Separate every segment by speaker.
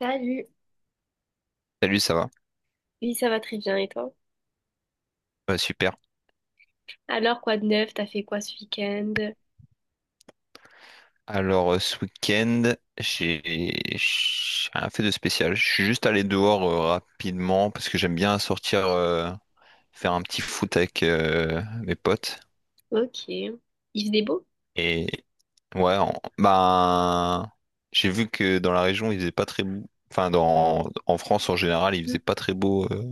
Speaker 1: Salut.
Speaker 2: Salut, ça va?
Speaker 1: Oui, ça va très bien, et toi?
Speaker 2: Ouais, super.
Speaker 1: Alors, quoi de neuf? T'as fait quoi ce week-end?
Speaker 2: Alors, ce week-end, j'ai rien fait de spécial. Je suis juste allé dehors rapidement parce que j'aime bien sortir faire un petit foot avec mes potes.
Speaker 1: Ok. Il faisait beau?
Speaker 2: Et ouais, ben, j'ai vu que dans la région, il faisait pas très beau. Enfin, en France en général, il faisait
Speaker 1: Mhm.
Speaker 2: pas très beau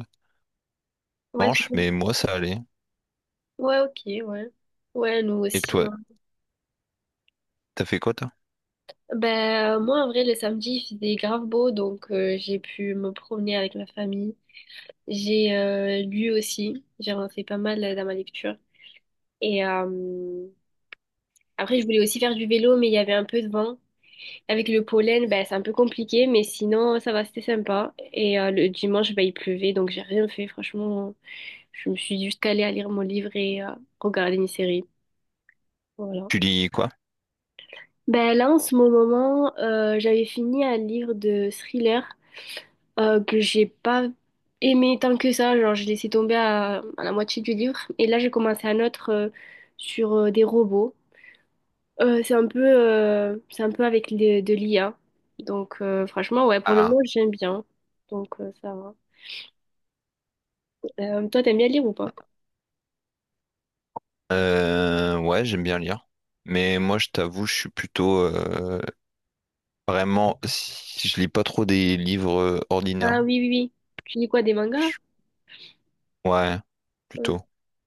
Speaker 1: Ouais,
Speaker 2: dimanche,
Speaker 1: surtout.
Speaker 2: mais moi, ça allait.
Speaker 1: Ouais, ok, ouais. Ouais, nous
Speaker 2: Et
Speaker 1: aussi.
Speaker 2: toi,
Speaker 1: hein.
Speaker 2: T'as fait quoi, toi?
Speaker 1: Ben, moi, en vrai, le samedi, il faisait grave beau, donc j'ai pu me promener avec ma famille. J'ai lu aussi. J'ai avancé pas mal dans ma lecture. Et après, je voulais aussi faire du vélo, mais il y avait un peu de vent. Avec le pollen, ben, c'est un peu compliqué, mais sinon, ça va, c'était sympa. Et le dimanche, ben, il pleuvait, donc j'ai rien fait, franchement. Je me suis juste calée à lire mon livre et à regarder une série. Voilà.
Speaker 2: Tu lis quoi?
Speaker 1: Ben là, en ce moment, j'avais fini un livre de thriller que j'ai pas aimé tant que ça. Genre, j'ai laissé tomber à la moitié du livre. Et là, j'ai commencé un autre sur des robots. C'est un peu avec de l'IA. Donc, franchement, ouais, pour le
Speaker 2: Ah.
Speaker 1: moment, j'aime bien. Donc, ça va. Toi, t'aimes bien lire ou pas?
Speaker 2: Ouais, j'aime bien lire. Mais moi, je t'avoue, je suis plutôt vraiment. Si je lis pas trop des livres ordinaires.
Speaker 1: Ah oui, oui, oui. Tu lis quoi, des mangas?
Speaker 2: Je- Ouais,
Speaker 1: Euh,
Speaker 2: plutôt.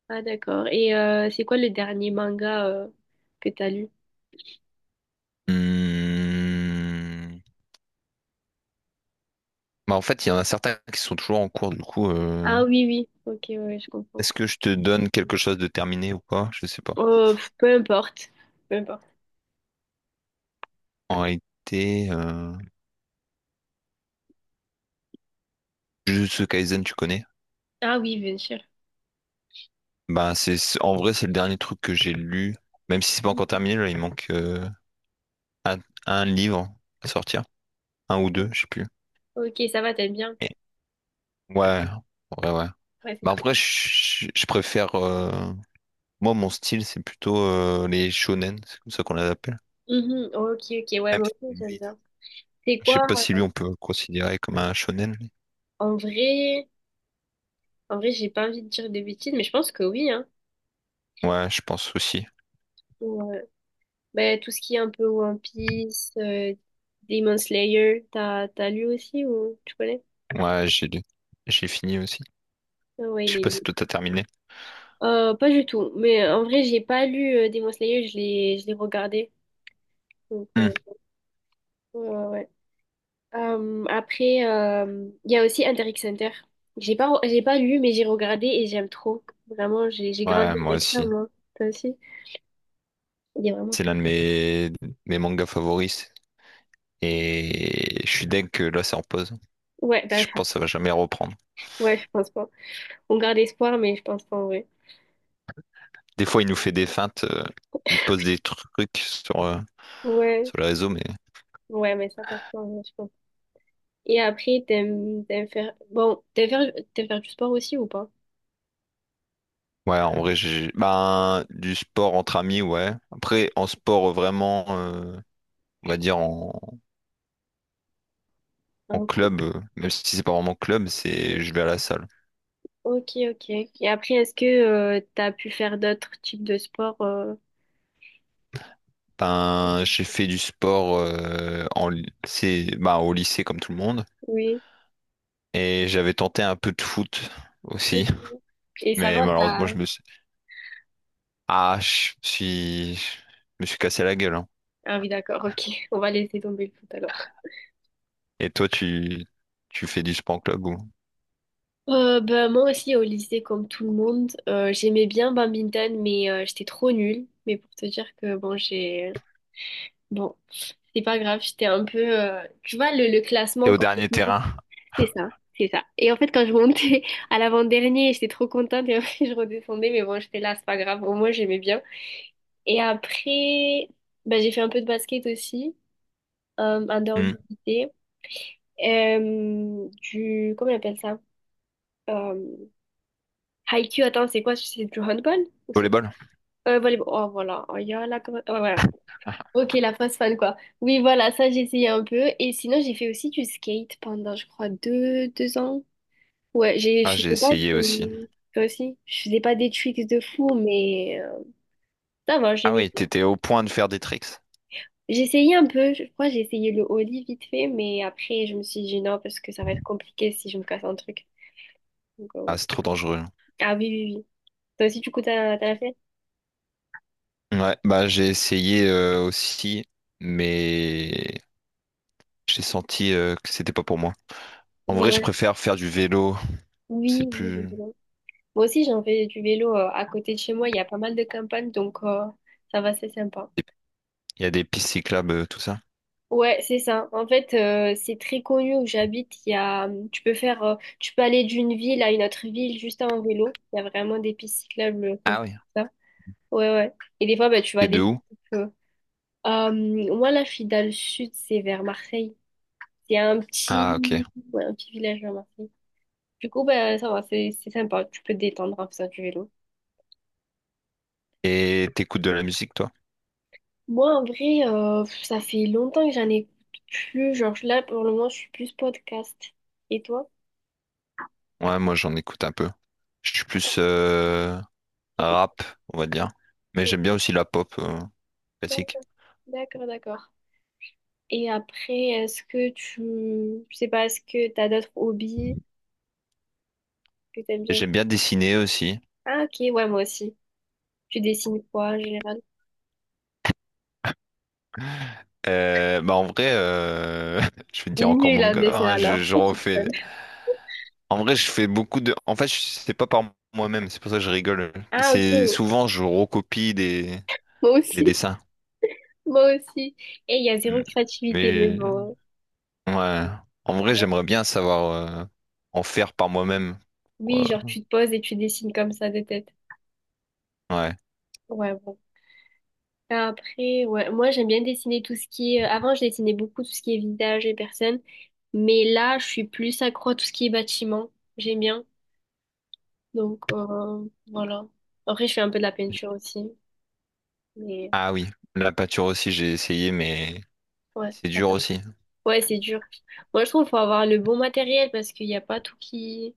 Speaker 1: Ah d'accord. Et c'est quoi le dernier manga que t'as lu?
Speaker 2: Hmm. Bah, en fait, il y en a certains qui sont toujours en cours, du coup.
Speaker 1: Ah oui, oui. Ok, ouais, je comprends.
Speaker 2: Est-ce que je te donne quelque chose de terminé ou pas? Je sais pas.
Speaker 1: Peu importe. Peu importe.
Speaker 2: En réalité, Jujutsu Kaisen, tu connais?
Speaker 1: Ah oui, bien sûr.
Speaker 2: Bah, en vrai, c'est le dernier truc que j'ai lu. Même si c'est pas encore terminé, là, il manque un livre à sortir. Un ou
Speaker 1: Mhm.
Speaker 2: deux, je sais plus.
Speaker 1: Ok, ça va, t'aimes bien.
Speaker 2: Et- Ouais, ouais, ouais.
Speaker 1: Ouais, c'est
Speaker 2: Bah,
Speaker 1: trop
Speaker 2: après,
Speaker 1: bien.
Speaker 2: je préfère. Moi, mon style, c'est plutôt les shonen, c'est comme ça qu'on les appelle.
Speaker 1: Mhm, ok, ok, ouais,
Speaker 2: Même
Speaker 1: moi
Speaker 2: si
Speaker 1: aussi j'aime
Speaker 2: lui,
Speaker 1: bien. C'est
Speaker 2: Je sais
Speaker 1: quoi?
Speaker 2: pas si lui, on peut le considérer comme un shonen, lui.
Speaker 1: En vrai, en vrai, j'ai pas envie de dire des bêtises, mais je pense que oui, hein.
Speaker 2: Ouais, je pense aussi.
Speaker 1: Ouais. Ben, tout ce qui est un peu One Piece, Demon Slayer, t'as lu aussi ou tu connais?
Speaker 2: Ouais, j'ai fini aussi.
Speaker 1: Ah ouais,
Speaker 2: Je sais
Speaker 1: les...
Speaker 2: pas si toi t'as terminé.
Speaker 1: Pas du tout. Mais en vrai, j'ai pas lu Demon Slayer, je l'ai regardé. Donc,
Speaker 2: Hmm.
Speaker 1: ouais, ouais. Après, il y a aussi Hunter x Hunter. J'ai pas lu, mais j'ai regardé et j'aime trop. Vraiment, j'ai grandi
Speaker 2: Ouais, moi
Speaker 1: avec ça,
Speaker 2: aussi.
Speaker 1: moi. Toi aussi? Il est vraiment
Speaker 2: C'est l'un
Speaker 1: trop.
Speaker 2: de mes mangas favoris. Et je suis deg que là, c'est en pause.
Speaker 1: Ouais, bah,
Speaker 2: Je
Speaker 1: enfin,
Speaker 2: pense que ça va jamais reprendre.
Speaker 1: ouais, je pense pas. On garde espoir, mais je pense pas en vrai.
Speaker 2: Des fois, il nous fait des feintes. Il pose des trucs sur, euh,
Speaker 1: Ouais,
Speaker 2: sur le réseau. Mais
Speaker 1: ouais, mais ça passe pas en vrai, je pense. Et après, t'aimes faire. Bon, t'aimes faire du sport aussi ou pas?
Speaker 2: ouais, en vrai, ben, du sport entre amis, ouais. Après, en sport, vraiment, on va dire en
Speaker 1: Un coup.
Speaker 2: club, même si c'est pas vraiment club, c'est je vais à la salle.
Speaker 1: Ok, ok. Et après, est-ce que tu t'as pu faire d'autres types de sports.
Speaker 2: Ben, j'ai fait du sport ben, au lycée, comme tout le monde.
Speaker 1: Oui.
Speaker 2: Et j'avais tenté un peu de foot aussi.
Speaker 1: Et ça va,
Speaker 2: Mais malheureusement,
Speaker 1: ça...
Speaker 2: ah, je me suis cassé la gueule, hein.
Speaker 1: Ah oui, d'accord, ok. On va laisser tomber le foot alors.
Speaker 2: Et toi, tu fais du sport en club ou.
Speaker 1: Bah, moi aussi, au lycée, comme tout le monde, j'aimais bien badminton, mais j'étais trop nulle. Mais pour te dire que, bon, j'ai... Bon, c'est pas grave, j'étais un peu... Tu vois, le
Speaker 2: Et
Speaker 1: classement,
Speaker 2: au
Speaker 1: quand...
Speaker 2: dernier terrain?
Speaker 1: C'est ça, c'est ça. Et en fait, quand je montais à l'avant-dernier, j'étais trop contente, et après, je redescendais, mais bon, j'étais là, c'est pas grave. Au moins, j'aimais bien. Et après, bah, j'ai fait un peu de basket aussi, en dehors
Speaker 2: Hmm.
Speaker 1: du lycée. Du, comment on appelle ça? Euh, Haikyuu, attends, c'est quoi? C'est du handball? Ou c'est
Speaker 2: Volleyball?
Speaker 1: volleyball. Oh, voilà. Oh, y a la... ouais, voilà. Ok, la fausse fan, quoi. Oui, voilà, ça, j'ai essayé un peu. Et sinon, j'ai fait aussi du skate pendant, je crois, deux ans. Ouais,
Speaker 2: Ah,
Speaker 1: je
Speaker 2: j'ai
Speaker 1: faisais pas
Speaker 2: essayé aussi.
Speaker 1: de... Toi aussi? Je faisais pas des tricks de fou, mais ça va, j'ai
Speaker 2: Ah oui, t'étais au point de faire des tricks.
Speaker 1: J'ai essayé un peu, je crois que j'ai essayé le au lit vite fait, mais après je me suis dit non parce que ça va être compliqué si je me casse un truc. Donc.
Speaker 2: Ah, c'est trop dangereux.
Speaker 1: Ah oui, oui, oui. Toi aussi du coup t'as fait?
Speaker 2: Ouais, bah j'ai essayé aussi, mais j'ai senti que c'était pas pour moi. En vrai, je
Speaker 1: Ouais.
Speaker 2: préfère faire du vélo. C'est
Speaker 1: Oui, oui, oui,
Speaker 2: plus.
Speaker 1: oui. Moi aussi j'en fais du vélo à côté de chez moi, il y a pas mal de campagnes donc ça va, c'est sympa.
Speaker 2: Il y a des pistes cyclables, tout ça.
Speaker 1: Ouais, c'est ça. En fait, c'est très connu où j'habite. Il y a, tu peux aller d'une ville à une autre ville juste en vélo. Il y a vraiment des pistes cyclables. Comme
Speaker 2: Ah oui.
Speaker 1: ça. Ouais, ouais. Et des fois, bah, tu vois
Speaker 2: T'es de
Speaker 1: des
Speaker 2: où?
Speaker 1: groupes. Euh, moi, là, je suis dans le sud, c'est vers Marseille. C'est un petit,
Speaker 2: Ah, ok.
Speaker 1: ouais, un petit village vers Marseille. Du coup, ben, ça va, c'est sympa. Tu peux te détendre en faisant du vélo.
Speaker 2: Et t'écoutes de la musique, toi?
Speaker 1: Moi, en vrai, ça fait longtemps que j'en écoute plus. Genre, là, pour le moment, je suis plus podcast. Et toi?
Speaker 2: Ouais, moi j'en écoute un peu. Je suis plus
Speaker 1: T'écoutes
Speaker 2: rap, on va dire. Mais
Speaker 1: quoi?
Speaker 2: j'aime bien aussi la pop classique.
Speaker 1: D'accord, d'accord. D'accord. Et après, est-ce que tu... Je sais pas, est-ce que t'as d'autres hobbies que t'aimes bien
Speaker 2: J'aime
Speaker 1: faire?
Speaker 2: bien dessiner aussi.
Speaker 1: Ah, ok, ouais, moi aussi. Tu dessines quoi, en général?
Speaker 2: Bah en vrai, je vais te dire encore
Speaker 1: Nul en
Speaker 2: manga,
Speaker 1: dessin,
Speaker 2: hein,
Speaker 1: alors.
Speaker 2: je
Speaker 1: Ok.
Speaker 2: refais. En vrai, je fais beaucoup de. En fait, c'est pas par moi-même, c'est pour ça que je rigole.
Speaker 1: Ah,
Speaker 2: C'est
Speaker 1: ok.
Speaker 2: souvent je recopie des,
Speaker 1: Moi
Speaker 2: des
Speaker 1: aussi,
Speaker 2: dessins.
Speaker 1: moi aussi. Et il y a zéro
Speaker 2: Mm.
Speaker 1: créativité, mais
Speaker 2: Mais
Speaker 1: bon.
Speaker 2: ouais, en vrai, j'aimerais bien savoir euh, en faire par moi-même. Ouais.
Speaker 1: Oui, genre tu te poses et tu dessines comme ça de tête.
Speaker 2: Ouais.
Speaker 1: Ouais, bon. Après, ouais, moi j'aime bien dessiner tout ce qui est... Avant, je dessinais beaucoup tout ce qui est visage et personne, mais là, je suis plus accro à tout ce qui est bâtiment. J'aime bien. Donc, voilà. Après, je fais un peu de la peinture aussi, mais
Speaker 2: Ah oui, la pâture aussi, j'ai essayé, mais
Speaker 1: ouais,
Speaker 2: c'est
Speaker 1: ça
Speaker 2: dur
Speaker 1: passe.
Speaker 2: aussi.
Speaker 1: Ouais, c'est dur. Moi, je trouve qu'il faut avoir le bon matériel parce qu'il n'y a pas tout qui...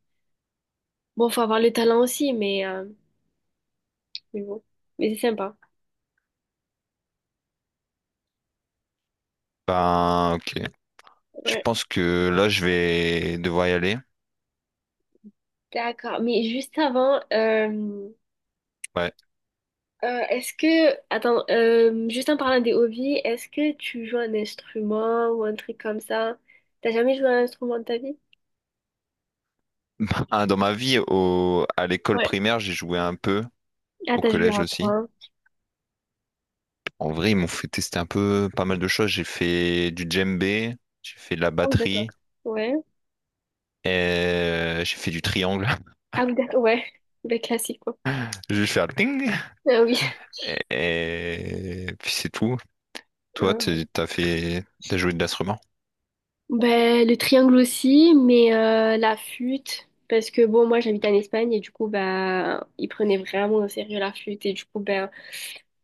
Speaker 1: Bon, faut avoir le talent aussi, mais bon. Mais c'est sympa.
Speaker 2: Ben, ok. Je
Speaker 1: Ouais.
Speaker 2: pense que là, je vais devoir y aller.
Speaker 1: D'accord, mais juste avant,
Speaker 2: Ouais.
Speaker 1: est-ce que, attends, juste en parlant des hobbies, est-ce que tu joues un instrument ou un truc comme ça? T'as jamais joué à un instrument de ta vie?
Speaker 2: Ah, dans ma vie, à l'école
Speaker 1: Ouais.
Speaker 2: primaire, j'ai joué un peu,
Speaker 1: Ah,
Speaker 2: au
Speaker 1: t'as joué
Speaker 2: collège
Speaker 1: à
Speaker 2: aussi.
Speaker 1: quoi?
Speaker 2: En vrai, ils m'ont fait tester un peu pas mal de choses. J'ai fait du djembé, j'ai fait de la
Speaker 1: Ah oui, d'accord.
Speaker 2: batterie,
Speaker 1: Ouais.
Speaker 2: et j'ai fait du triangle.
Speaker 1: Ah oui, d'accord, ouais. Ben, classique, quoi.
Speaker 2: Je vais faire le ting.
Speaker 1: Ah oui.
Speaker 2: Et puis c'est tout. Toi,
Speaker 1: Ah.
Speaker 2: t'as joué de l'instrument?
Speaker 1: Ben, le triangle aussi, mais la flûte, parce que bon, moi j'habite en Espagne et du coup, ben, ils prenaient vraiment au sérieux la flûte et du coup, ben,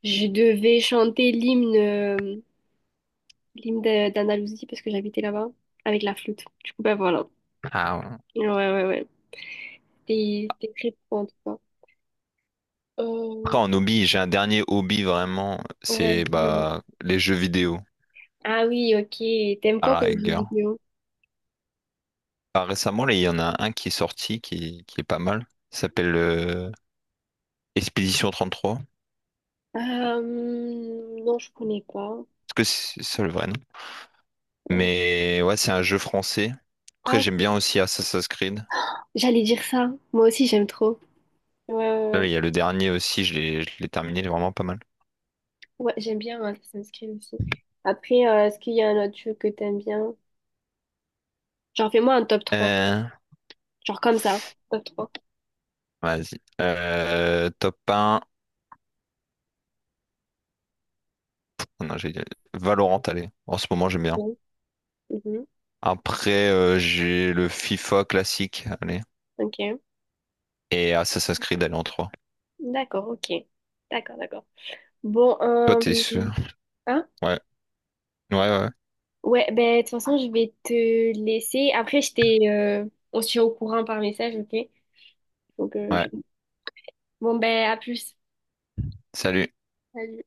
Speaker 1: je devais chanter l'hymne d'Andalousie parce que j'habitais là-bas avec la flûte. Du coup, bah voilà.
Speaker 2: Ah, ouais.
Speaker 1: Ouais, ouais, ouais. T'es très pro en tout cas.
Speaker 2: Après,
Speaker 1: Euh,
Speaker 2: en hobby, j'ai un dernier hobby vraiment,
Speaker 1: on va
Speaker 2: c'est
Speaker 1: dire.
Speaker 2: bah les jeux vidéo
Speaker 1: Ah oui, ok. T'aimes
Speaker 2: à
Speaker 1: quoi
Speaker 2: la
Speaker 1: comme jeu
Speaker 2: rigueur.
Speaker 1: vidéo?
Speaker 2: Bah, récemment, là, il y en a un qui est sorti qui est pas mal. Il s'appelle Expédition 33.
Speaker 1: Euh, non, je connais pas.
Speaker 2: Est-ce que c'est ça le vrai nom?
Speaker 1: Euh,
Speaker 2: Mais ouais, c'est un jeu français.
Speaker 1: ah,
Speaker 2: Après, j'aime bien
Speaker 1: ok.
Speaker 2: aussi Assassin's Creed.
Speaker 1: J'allais dire ça. Moi aussi, j'aime trop. Ouais, ouais,
Speaker 2: Là,
Speaker 1: ouais.
Speaker 2: il y a le dernier aussi, je l'ai terminé, il est vraiment pas mal.
Speaker 1: Ouais, j'aime bien hein, Assassin's Creed aussi. Après, est-ce qu'il y a un autre jeu que t'aimes bien? Genre, fais-moi un top trois.
Speaker 2: Euh,
Speaker 1: Genre comme ça. Top 3.
Speaker 2: vas-y. Top un. Oh non, j'ai Valorant, allez. En ce moment, j'aime bien.
Speaker 1: Mhm. Mhm.
Speaker 2: Après, j'ai le FIFA classique, allez.
Speaker 1: Ok.
Speaker 2: Et Assassin's Creed, allez, en 3.
Speaker 1: D'accord, ok. D'accord, d'accord. Bon,
Speaker 2: Toi, t'es sûr?
Speaker 1: hein?
Speaker 2: Ouais. Ouais, ouais, ouais.
Speaker 1: Ouais, ben, de toute façon, je vais te laisser. Après, on se tient au courant par message, ok? Donc.
Speaker 2: Ouais.
Speaker 1: Bon, ben, à plus.
Speaker 2: Salut.
Speaker 1: Salut.